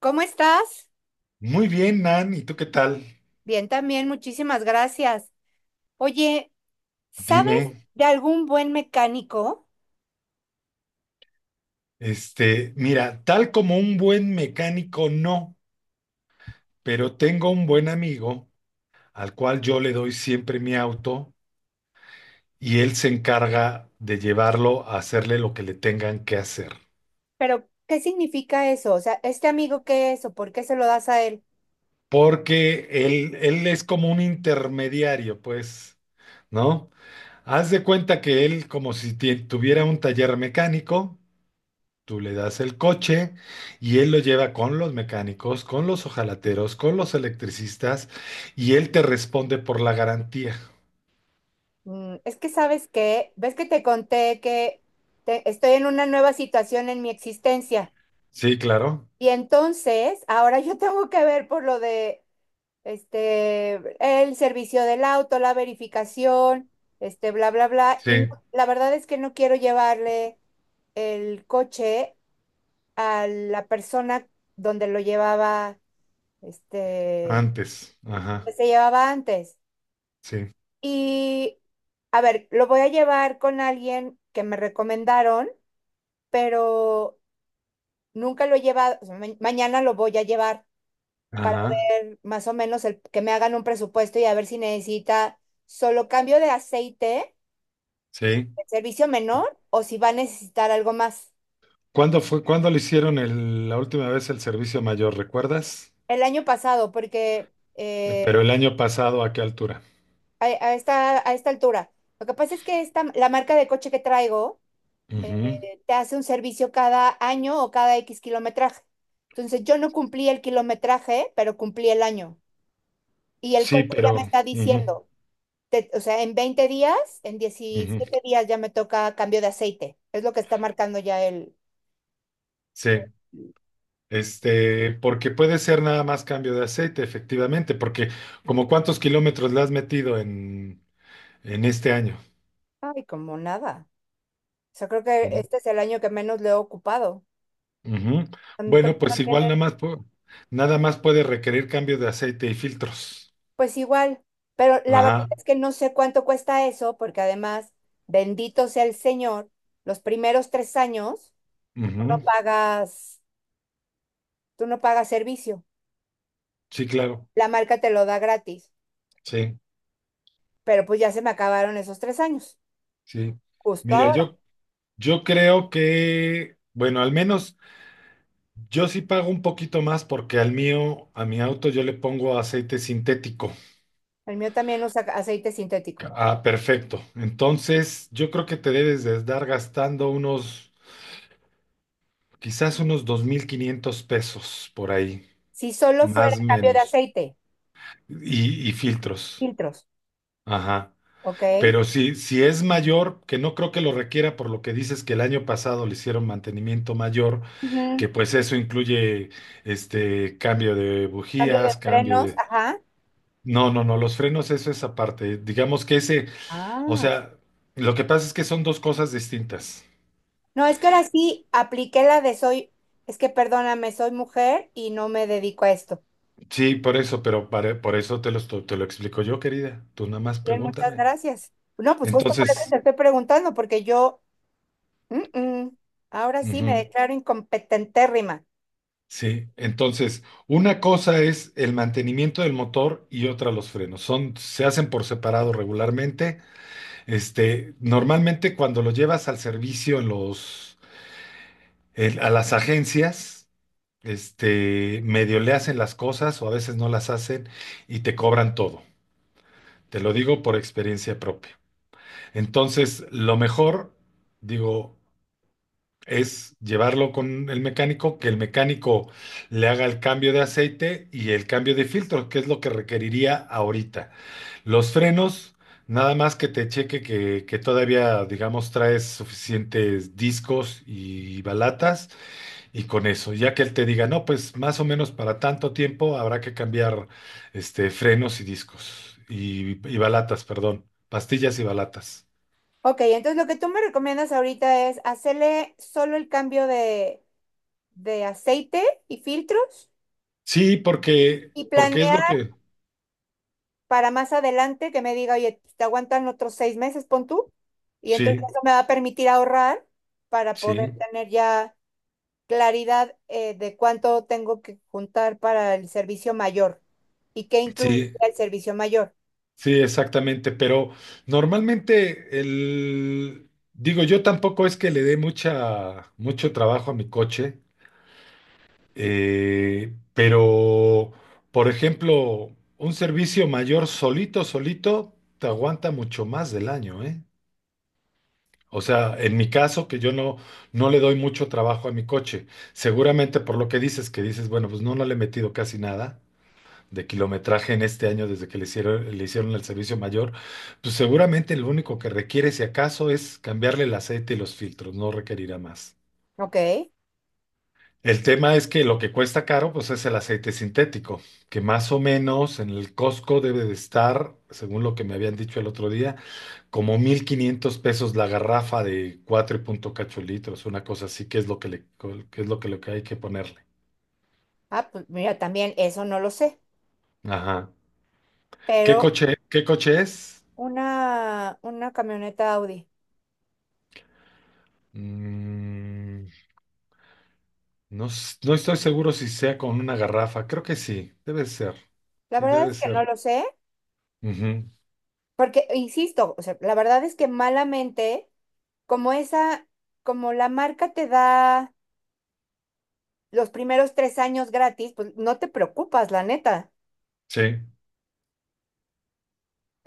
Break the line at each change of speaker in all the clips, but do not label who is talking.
¿Cómo estás?
Muy bien, Nan, ¿y tú qué tal?
Bien, también, muchísimas gracias. Oye, ¿sabes
Dime,
de algún buen mecánico?
este, mira, tal como un buen mecánico no, pero tengo un buen amigo al cual yo le doy siempre mi auto y él se encarga de llevarlo a hacerle lo que le tengan que hacer,
Pero, ¿qué significa eso? O sea, ¿este amigo qué es o por qué se lo das a él?
porque él es como un intermediario, pues, ¿no? Haz de cuenta que él como si tuviera un taller mecánico. Tú le das el coche y él lo lleva con los mecánicos, con los hojalateros, con los electricistas y él te responde por la garantía.
Es que sabes que, ves que te conté que estoy en una nueva situación en mi existencia.
Sí, claro.
Y entonces, ahora yo tengo que ver por lo de, este, el servicio del auto, la verificación, bla, bla, bla. Y
Sí,
la verdad es que no quiero llevarle el coche a la persona donde lo llevaba, este,
antes.
que
Ajá.
se llevaba antes.
Sí.
Y, a ver, lo voy a llevar con alguien que me recomendaron, pero nunca lo he llevado, o sea, mañana lo voy a llevar para
Ajá.
ver más o menos el, que me hagan un presupuesto y a ver si necesita solo cambio de aceite y
Sí.
el servicio menor o si va a necesitar algo más.
¿Cuándo fue, cuándo le hicieron la última vez el servicio mayor, recuerdas?
El año pasado, porque
Pero el año pasado, ¿a qué altura?
a esta altura. Lo que pasa es que esta, la marca de coche que traigo eh,
Ujú.
te hace un servicio cada año o cada X kilometraje. Entonces yo no cumplí el kilometraje, pero cumplí el año. Y el
Sí,
coche ya me
pero...
está
ujú,
diciendo, o sea, en 20 días, en
ujú.
17 días ya me toca cambio de aceite. Es lo que está marcando ya el.
Sí. Este, porque puede ser nada más cambio de aceite, efectivamente, porque como cuántos kilómetros le has metido en este año.
Ay, como nada. O sea, creo que
Como-
este es el año que menos le he ocupado.
Ujú.
A Mi coche
Bueno, pues
no
igual
tiene.
nada más, nada más puede requerir cambio de aceite y filtros.
Pues igual, pero la verdad
Ajá.
es que no sé cuánto cuesta eso, porque además, bendito sea el Señor, los primeros 3 años tú no
Ujú.
pagas, tú no pagas servicio,
Sí, claro.
la marca te lo da gratis,
Sí,
pero pues ya se me acabaron esos 3 años,
sí.
justo
Mira,
ahora.
yo creo que, bueno, al menos yo sí pago un poquito más porque al mío, a mi auto yo le pongo aceite sintético.
El mío también usa aceite sintético.
Ah, perfecto. Entonces, yo creo que te debes de estar gastando unos, quizás unos 2500 pesos por ahí,
Si solo fuera
más
cambio de
menos,
aceite,
y filtros.
filtros,
Ajá.
¿ok?
Pero si es mayor, que no creo que lo requiera por lo que dices que el año pasado le hicieron mantenimiento mayor,
Ujú.
que pues eso incluye este cambio de
Cambio de
bujías, cambio
frenos,
de...
ajá.
No, no, no, los frenos, eso es aparte. Digamos que ese, o
Ah.
sea, lo que pasa es que son dos cosas distintas.
No, es que ahora sí apliqué la de soy, es que perdóname, soy mujer y no me dedico a esto.
Sí, por eso, por eso te lo, te lo explico yo, querida. Tú nada más
Bien, muchas
pregúntame.
gracias. No, pues justo por eso te
Entonces,
estoy preguntando, porque yo, mm, mm, ahora sí me
ujú,
declaro incompetentérrima.
sí, entonces, una cosa es el mantenimiento del motor y otra los frenos. Son, se hacen por separado regularmente. Este, normalmente cuando lo llevas al servicio en los, a las agencias, este, medio le hacen las cosas o a veces no las hacen y te cobran todo. Te lo digo por experiencia propia. Entonces, lo mejor, digo, es llevarlo con el mecánico, que el mecánico le haga el cambio de aceite y el cambio de filtro, que es lo que requeriría ahorita. Los frenos, nada más que te cheque que todavía, digamos, traes suficientes discos y balatas y con eso, ya que él te diga, no, pues más o menos para tanto tiempo habrá que cambiar este, frenos y discos y balatas, perdón, pastillas y balatas.
Ok, entonces lo que tú me recomiendas ahorita es hacerle solo el cambio de aceite y filtros
Sí,
y
porque es
planear
lo que...
para más adelante que me diga, oye, pues, te aguantan otros 6 meses, pon tú. Y entonces
Sí,
eso me va a permitir ahorrar para poder
sí.
tener ya claridad, de cuánto tengo que juntar para el servicio mayor y qué incluiría
Sí,
el servicio mayor.
sí, exactamente, pero normalmente el, digo, yo tampoco es que le dé mucha, mucho trabajo a mi coche, pero, por ejemplo, un servicio mayor solito, solito, te aguanta mucho más del año, ¿eh? O sea, en mi caso, que yo no, no le doy mucho trabajo a mi coche, seguramente por lo que dices, bueno, pues no le he metido casi nada. De kilometraje en este año desde que le hicieron el servicio mayor, pues seguramente lo único que requiere, si acaso, es cambiarle el aceite y los filtros, no requerirá más.
Ok.
El tema es que lo que cuesta caro, pues es el aceite sintético, que más o menos en el Costco debe de estar, según lo que me habían dicho el otro día, como 1500 pesos la garrafa de 4 y punto cacho litros, una cosa así, que es lo que le, que es lo que hay que ponerle.
Ah, pues mira, también eso no lo sé,
Ajá.
pero
Qué coche es?
una camioneta Audi.
Mm, no, no estoy seguro si sea con una garrafa. Creo que sí, debe ser.
La
Sí,
verdad
debe
es que no
ser.
lo sé,
Ujú,
porque, insisto, o sea, la verdad es que malamente, como esa, como la marca te da los primeros 3 años gratis, pues no te preocupas, la neta.
sí,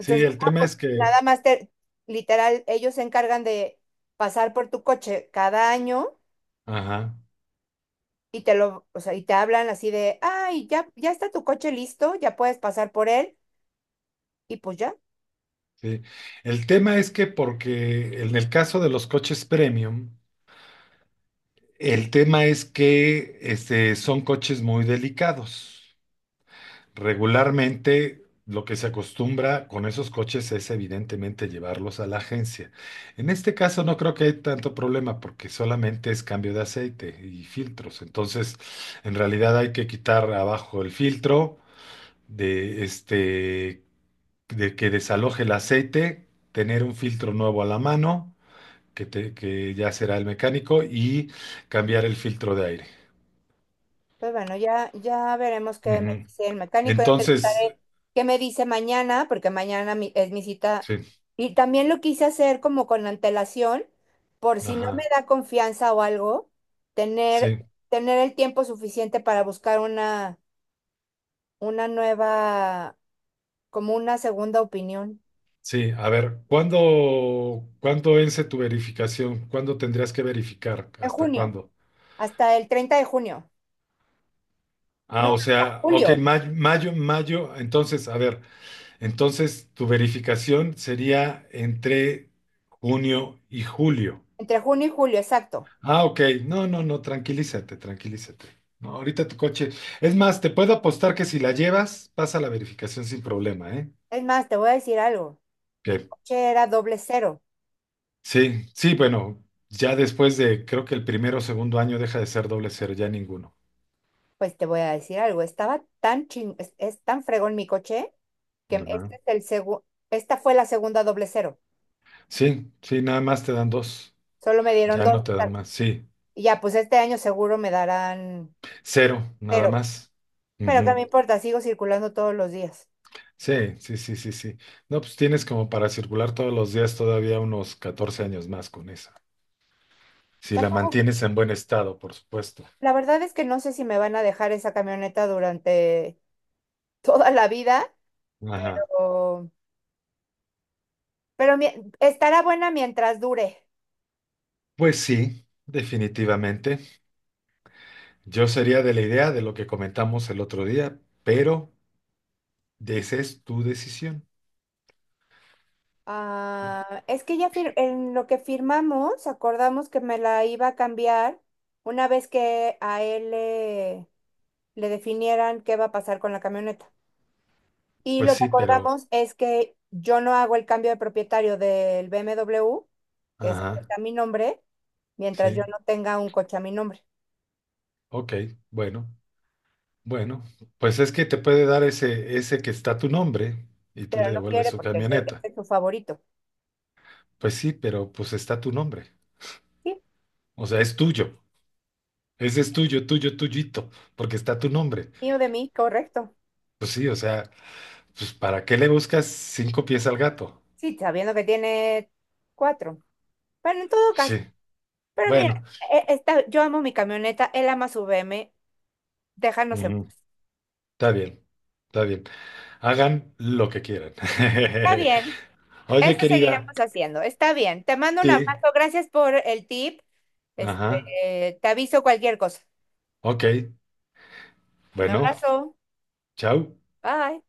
sí, el
ah,
tema
pues,
es que,
nada más te, literal, ellos se encargan de pasar por tu coche cada año
ajá,
y te lo, o sea, y te hablan así de, ay, ya, ya está tu coche listo, ya puedes pasar por él, y pues ya,
sí. El tema es que porque en el caso de los coches premium, el tema es que este, son coches muy delicados. Regularmente lo que se acostumbra con esos coches es evidentemente llevarlos a la agencia. En este caso no creo que hay tanto problema porque solamente es cambio de aceite y filtros. Entonces, en realidad hay que quitar abajo el filtro de este de que desaloje el aceite, tener un filtro nuevo a la mano, que ya será el mecánico y cambiar el filtro de aire.
pues bueno, ya, ya veremos qué me
Ujú.
dice el mecánico, ya te
Entonces,
contaré qué me dice mañana, porque mañana es mi cita.
sí,
Y también lo quise hacer como con antelación, por si no me
ajá,
da confianza o algo, tener,
sí.
tener el tiempo suficiente para buscar una nueva, como una segunda opinión.
Sí, a ver, ¿cuándo vence tu verificación? ¿Cuándo tendrías que verificar?
En
¿Hasta
junio,
cuándo?
hasta el 30 de junio. No,
Ah, o
hasta
sea, ok,
julio,
mayo, mayo, mayo. Entonces, a ver, entonces tu verificación sería entre junio y julio.
entre junio y julio, exacto.
Ah, ok, no, no, no, tranquilízate, tranquilízate. No, ahorita tu coche. Es más, te puedo apostar que si la llevas, pasa la verificación sin problema, ¿eh?
Es más, te voy a decir algo. Mi
Ok.
coche era doble cero.
Sí, sí, bueno, ya después de, creo que el primero o segundo año deja de ser doble cero, ya ninguno.
Pues te voy a decir algo. Estaba tan ching, es tan fregón mi coche que
Ajá.
esta fue la segunda doble cero.
Sí, sí, nada más te dan dos,
Solo me dieron
ya no
dos.
te dan más, sí,
Y ya, pues este año seguro me darán
cero, nada
cero.
más.
Pero qué me
Ujú.
importa, sigo circulando todos los días.
Sí, sí, sí, sí, sí. No, pues tienes como para circular todos los días todavía unos 14 años más con esa. Si la
Tampoco.
mantienes en buen estado, por supuesto.
La verdad es que no sé si me van a dejar esa camioneta durante toda la vida,
Ajá.
o- pero mi- estará buena mientras dure.
Pues sí, definitivamente. Yo sería de la idea de lo que comentamos el otro día, pero esa es tu decisión.
Ah, es que en lo que firmamos, acordamos que me la iba a cambiar una vez que a él le definieran qué va a pasar con la camioneta. Y
Pues
lo que
sí, pero,
acordamos es que yo no hago el cambio de propietario del BMW, que es el que
ajá,
está a mi nombre, mientras yo
sí,
no tenga un coche a mi nombre.
ok, bueno, bueno, pues es que te puede dar ese, ese que está tu nombre y tú
Pero
le
no
devuelves
quiere
su
porque ese
camioneta.
es su favorito.
Pues sí, pero pues está tu nombre,
Sí,
o sea, es tuyo, ese es tuyo, tuyo, tuyito, porque está tu nombre.
mío de mí, correcto.
Pues sí, o sea, pues ¿para qué le buscas cinco pies al gato?
Sí, sabiendo que tiene cuatro. Bueno, en todo
Sí,
caso, pero mira,
bueno,
está, yo amo mi camioneta, él ama su BM, déjanos en
ujú,
paz.
está bien, está bien, hagan lo que quieran.
Está bien,
Oye,
eso
querida,
seguiremos haciendo, está bien. Te mando un
sí,
abrazo, gracias por el tip. Este,
ajá,
te aviso cualquier cosa.
ok,
Un
bueno.
abrazo,
Chao.
bye.